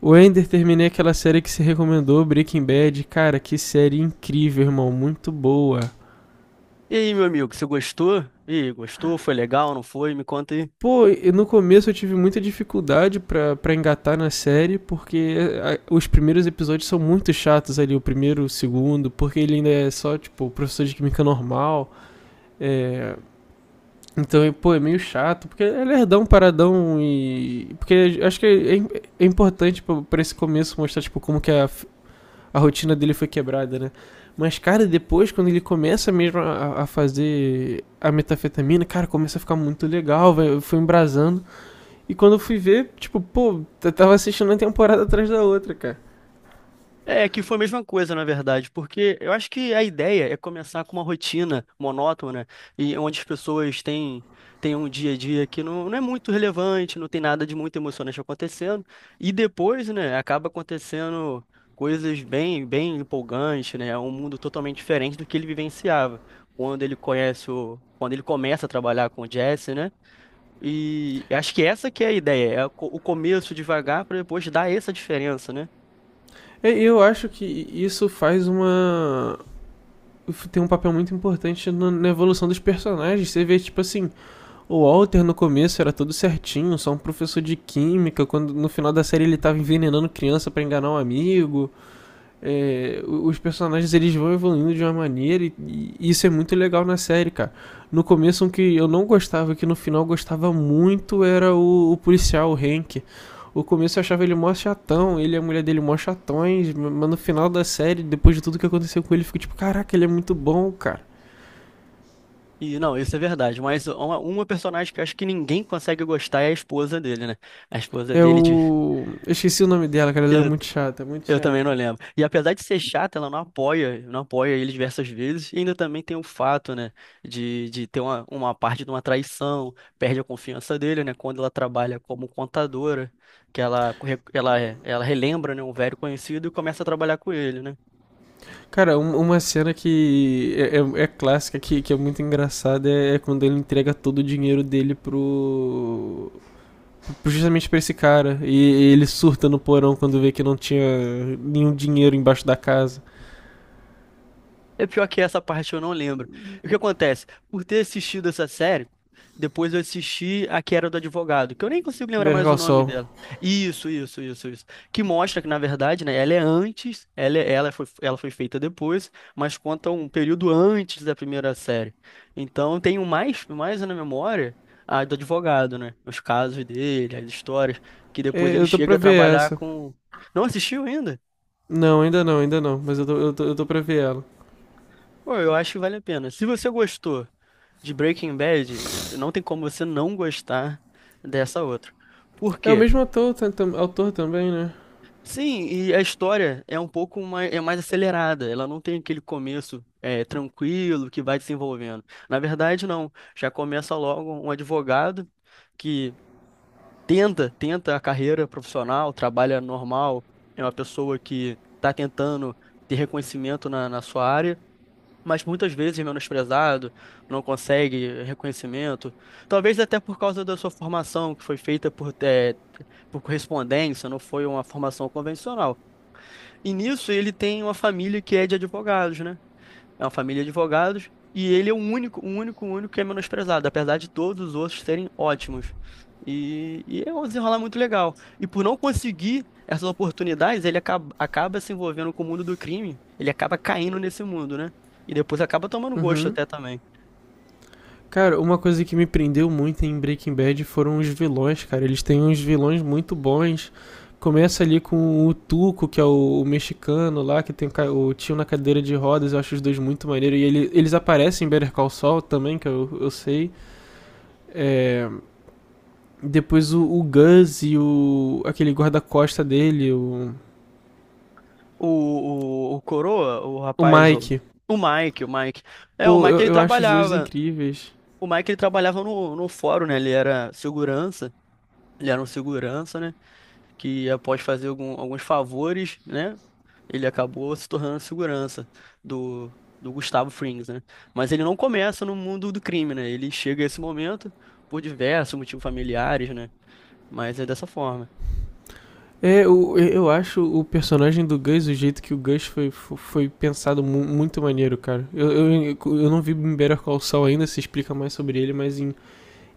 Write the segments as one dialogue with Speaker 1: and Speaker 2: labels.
Speaker 1: O Ender, terminei aquela série que se recomendou, Breaking Bad. Cara, que série incrível, irmão. Muito boa.
Speaker 2: E aí, meu amigo, você gostou? E aí, gostou? Foi legal? Não foi? Me conta aí.
Speaker 1: Pô, e no começo eu tive muita dificuldade pra engatar na série, porque os primeiros episódios são muito chatos ali, o primeiro, o segundo, porque ele ainda é só, tipo, o professor de química normal. É, então, pô, é meio chato, porque é lerdão, paradão e. Porque acho que é, é importante pra esse começo mostrar, tipo, a rotina dele foi quebrada, né? Mas, cara, depois, quando ele começa mesmo a fazer a metafetamina, cara, começa a ficar muito legal, foi embrasando. E quando eu fui ver, tipo, pô, eu tava assistindo uma temporada atrás da outra, cara.
Speaker 2: É que foi a mesma coisa, na verdade, porque eu acho que a ideia é começar com uma rotina monótona e onde as pessoas têm, têm um dia a dia que não é muito relevante, não tem nada de muito emocionante acontecendo, e depois, né, acaba acontecendo coisas bem, bem empolgantes, né? É um mundo totalmente diferente do que ele vivenciava. Quando ele conhece o, quando ele começa a trabalhar com o Jesse, né? E acho que essa que é a ideia, é o o começo devagar para depois dar essa diferença, né?
Speaker 1: E eu acho que isso faz uma. Tem um papel muito importante na evolução dos personagens. Você vê, tipo assim, o Walter no começo era todo certinho, só um professor de química, quando no final da série ele tava envenenando criança pra enganar um amigo. É, os personagens eles vão evoluindo de uma maneira e isso é muito legal na série, cara. No começo, um que eu não gostava, que no final gostava muito, era o policial, o Hank. O começo eu achava ele mó chatão, ele e a mulher dele mó chatões, mas no final da série, depois de tudo que aconteceu com ele, eu fico tipo, caraca, ele é muito bom, cara.
Speaker 2: E não, isso é verdade, mas é uma personagem que eu acho que ninguém consegue gostar é a esposa dele, né? A esposa
Speaker 1: É o.
Speaker 2: dele de...
Speaker 1: Eu esqueci o nome dela, cara, ela é
Speaker 2: eu,
Speaker 1: muito chata, muito
Speaker 2: eu também não
Speaker 1: chata.
Speaker 2: lembro. E apesar de ser chata, ela não apoia ele diversas vezes, e ainda também tem o fato, né, de ter uma parte de uma traição, perde a confiança dele, né, quando ela trabalha como contadora, que ela, ela relembra, né, um velho conhecido e começa a trabalhar com ele, né?
Speaker 1: Cara, uma cena que é clássica, que é muito engraçada, é, é quando ele entrega todo o dinheiro dele pro. Justamente pra esse cara. E ele surta no porão quando vê que não tinha nenhum dinheiro embaixo da casa.
Speaker 2: É pior que essa parte eu não lembro. E o que acontece? Por ter assistido essa série, depois eu assisti a que era do advogado, que eu nem consigo lembrar
Speaker 1: Better
Speaker 2: mais o
Speaker 1: Call
Speaker 2: nome
Speaker 1: Saul.
Speaker 2: dela. Isso, isso, isso, isso. Que mostra que, na verdade, né, ela é antes, ela foi feita depois, mas conta um período antes da primeira série. Então eu tenho mais, mais na memória a do advogado, né? Os casos dele, as histórias, que depois
Speaker 1: É,
Speaker 2: ele
Speaker 1: eu tô pra
Speaker 2: chega a
Speaker 1: ver
Speaker 2: trabalhar
Speaker 1: essa.
Speaker 2: com. Não assistiu ainda?
Speaker 1: Não, ainda não, ainda não, mas eu tô pra ver ela.
Speaker 2: Pô, eu acho que vale a pena. Se você gostou de Breaking Bad, não tem como você não gostar dessa outra. Por
Speaker 1: É o
Speaker 2: quê?
Speaker 1: mesmo ator, autor também, né?
Speaker 2: Sim, e a história é um pouco mais, é mais acelerada, ela não tem aquele começo tranquilo que vai desenvolvendo. Na verdade, não. Já começa logo um advogado que tenta a carreira profissional, trabalha normal, é uma pessoa que está tentando ter reconhecimento na sua área, mas muitas vezes menosprezado, não consegue reconhecimento. Talvez até por causa da sua formação, que foi feita por, por correspondência, não foi uma formação convencional. E nisso ele tem uma família que é de advogados, né? É uma família de advogados e ele é o único que é menosprezado, apesar de todos os outros serem ótimos. E é um desenrolar muito legal. E por não conseguir essas oportunidades, ele acaba se envolvendo com o mundo do crime. Ele acaba caindo nesse mundo, né? E depois acaba tomando gosto
Speaker 1: Uhum.
Speaker 2: até também.
Speaker 1: Cara, uma coisa que me prendeu muito em Breaking Bad foram os vilões, cara. Eles têm uns vilões muito bons. Começa ali com o Tuco, que é o mexicano lá, que tem o o tio na cadeira de rodas. Eu acho os dois muito maneiros. E eles aparecem em Better Call Saul também, que eu sei. É, depois o Gus e o aquele guarda-costa dele,
Speaker 2: O, o Coroa, o
Speaker 1: o
Speaker 2: rapaz, o,
Speaker 1: Mike.
Speaker 2: o Mike. É, o
Speaker 1: Pô,
Speaker 2: Mike
Speaker 1: eu,
Speaker 2: ele
Speaker 1: eu acho os dois
Speaker 2: trabalhava.
Speaker 1: incríveis.
Speaker 2: O Mike ele trabalhava no, no fórum, né? Ele era segurança. Ele era um segurança, né? Que após fazer alguns favores, né, ele acabou se tornando segurança do, do Gustavo Frings, né? Mas ele não começa no mundo do crime, né? Ele chega a esse momento por diversos motivos familiares, né? Mas é dessa forma.
Speaker 1: É, eu acho o personagem do Gus, o jeito que o Gus foi, foi pensado muito maneiro, cara. Eu não vi em Better Call Saul ainda, se explica mais sobre ele, mas em,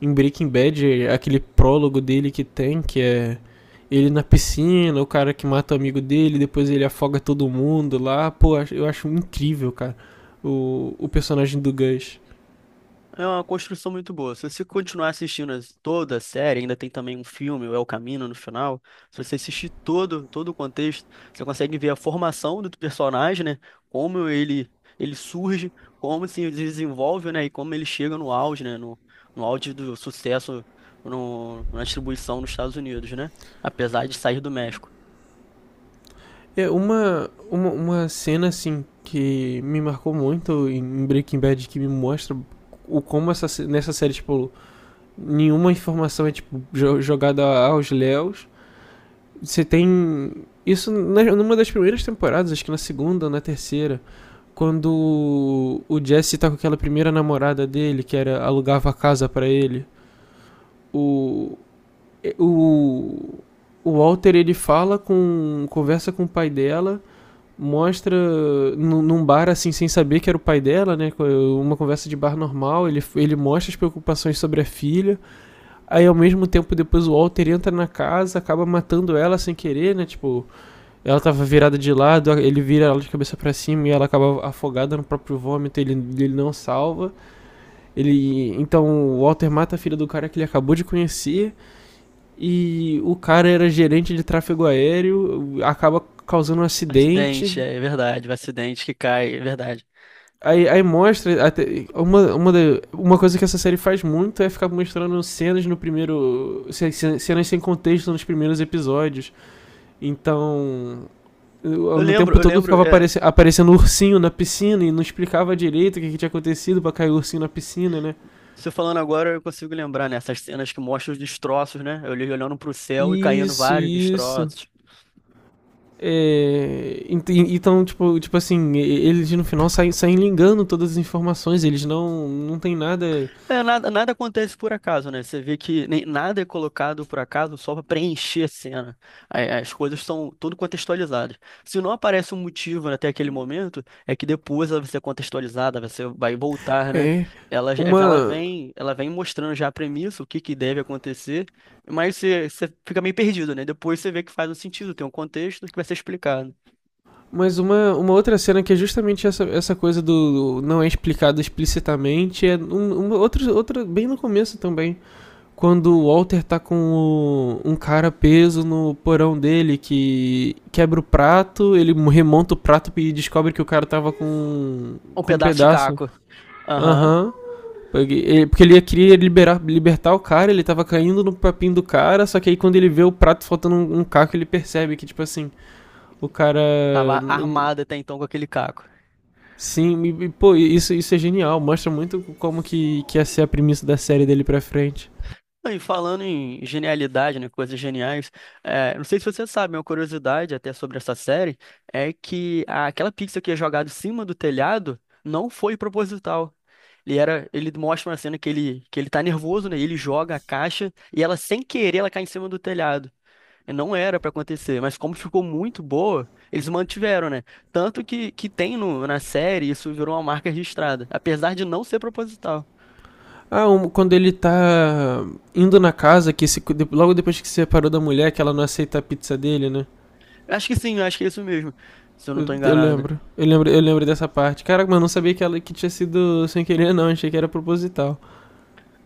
Speaker 1: em Breaking Bad, aquele prólogo dele que tem, que é ele na piscina, o cara que mata o amigo dele, depois ele afoga todo mundo lá. Pô, eu acho incrível, cara, o personagem do Gus.
Speaker 2: É uma construção muito boa. Se você continuar assistindo toda a série, ainda tem também um filme, o El Camino, no final. Se você assistir todo, todo o contexto, você consegue ver a formação do personagem, né? Como ele surge, como se desenvolve, né? E como ele chega no auge, né? No, no auge do sucesso na distribuição nos Estados Unidos, né? Apesar de sair do México.
Speaker 1: É uma cena assim que me marcou muito em Breaking Bad que me mostra o como essa nessa série tipo nenhuma informação é tipo jogada aos léus. Você tem isso numa das primeiras temporadas, acho que na segunda ou na terceira, quando o Jesse tá com aquela primeira namorada dele que era alugava a casa pra ele. O o o Walter ele fala com conversa com o pai dela mostra num bar assim sem saber que era o pai dela, né? Uma conversa de bar normal, ele mostra as preocupações sobre a filha. Aí ao mesmo tempo depois o Walter entra na casa, acaba matando ela sem querer, né? Tipo, ela tava virada de lado, ele vira ela de cabeça para cima e ela acaba afogada no próprio vômito, ele não salva. Ele então o Walter mata a filha do cara que ele acabou de conhecer e o cara era gerente de tráfego aéreo, acaba causando um acidente.
Speaker 2: Acidente, é verdade. O acidente que cai, é verdade.
Speaker 1: Aí mostra. Uma coisa que essa série faz muito é ficar mostrando cenas no primeiro. Cenas sem contexto nos primeiros episódios. Então.
Speaker 2: Eu
Speaker 1: No
Speaker 2: lembro,
Speaker 1: tempo
Speaker 2: eu
Speaker 1: todo
Speaker 2: lembro.
Speaker 1: ficava aparecendo ursinho na piscina e não explicava direito o que, que tinha acontecido pra cair o ursinho na piscina, né?
Speaker 2: Você falando agora, eu consigo lembrar, né? Essas cenas que mostram os destroços, né? Eu olhei olhando pro céu e caindo
Speaker 1: Isso,
Speaker 2: vários
Speaker 1: isso.
Speaker 2: destroços.
Speaker 1: É, então, tipo assim, eles no final saem ligando todas as informações, eles não tem nada.
Speaker 2: É, nada acontece por acaso, né? Você vê que nem, nada é colocado por acaso só para preencher a cena. As coisas são tudo contextualizadas. Se não aparece um motivo até aquele momento, é que depois ela vai ser contextualizada, você vai voltar, né?
Speaker 1: É. Uma,
Speaker 2: Ela vem mostrando já a premissa, o que que deve acontecer, mas você, você fica meio perdido, né? Depois você vê que faz um sentido, tem um contexto que vai ser explicado.
Speaker 1: Mas uma outra cena que é justamente essa, essa coisa do não é explicado explicitamente é uma outra, outra bem no começo também. Quando o Walter tá com um cara preso no porão dele que quebra o prato, ele remonta o prato e descobre que o cara tava
Speaker 2: Um
Speaker 1: com um
Speaker 2: pedaço de
Speaker 1: pedaço.
Speaker 2: caco. Aham.
Speaker 1: Aham. Porque ele queria liberar, libertar o cara, ele tava caindo no papinho do cara, só que aí quando ele vê o prato faltando um caco, ele percebe que, tipo assim, o cara.
Speaker 2: Tava armado até então com aquele caco.
Speaker 1: Sim, e, pô, isso é genial. Mostra muito como que ia ser a premissa da série dele pra frente.
Speaker 2: E falando em genialidade, né, coisas geniais, não sei se você sabe, uma curiosidade até sobre essa série é que aquela pizza que é jogada em cima do telhado não foi proposital. Ele mostra uma cena que ele tá nervoso, né? E ele joga a caixa e ela sem querer ela cai em cima do telhado. Não era pra acontecer, mas como ficou muito boa, eles mantiveram, né? Tanto que tem no, na série, isso virou uma marca registrada, apesar de não ser proposital.
Speaker 1: Ah, um, quando ele tá indo na casa, que se, logo depois que se separou da mulher, que ela não aceita a pizza dele, né?
Speaker 2: Eu acho que sim, eu acho que é isso mesmo, se eu não
Speaker 1: Eu,
Speaker 2: tô
Speaker 1: eu
Speaker 2: enganado.
Speaker 1: lembro. Eu lembro dessa parte. Caraca, mas eu não sabia que ela que tinha sido sem querer, não. Achei que era proposital.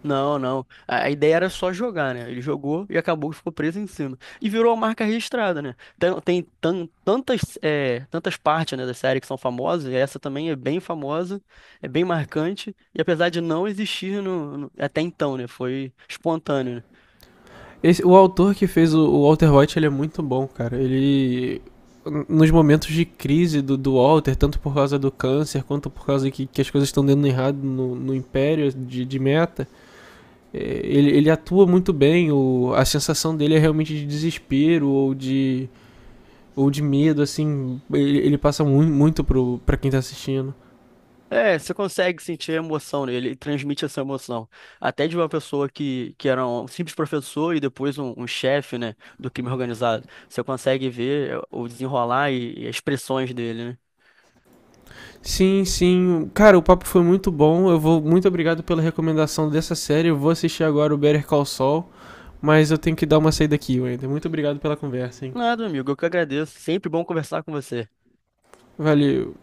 Speaker 2: Não, não. A ideia era só jogar, né? Ele jogou e acabou que ficou preso em cima. E virou uma marca registrada, né? Tem, tantas, tantas partes, né, da série que são famosas, e essa também é bem famosa, é bem marcante, e apesar de não existir no, até então, né? Foi espontâneo, né?
Speaker 1: O autor que fez o Walter White, ele é muito bom, cara. Ele. Nos momentos de crise do Walter, tanto por causa do câncer, quanto por causa que as coisas estão dando errado no Império de meta, é, ele atua muito bem. O, a sensação dele é realmente de desespero ou de medo, assim. Ele passa muito, muito pra quem tá assistindo.
Speaker 2: É, você consegue sentir emoção nele, ele transmite essa emoção. Até de uma pessoa que era um simples professor e depois um, um chefe, né, do crime organizado. Você consegue ver o desenrolar e as expressões dele, né?
Speaker 1: Sim, sim. Cara, o papo foi muito bom. Eu vou. Muito obrigado pela recomendação dessa série. Eu vou assistir agora o Better Call Saul. Mas eu tenho que dar uma saída aqui, Wender. Muito obrigado pela conversa, hein?
Speaker 2: Nada, amigo, eu que agradeço. Sempre bom conversar com você.
Speaker 1: Valeu.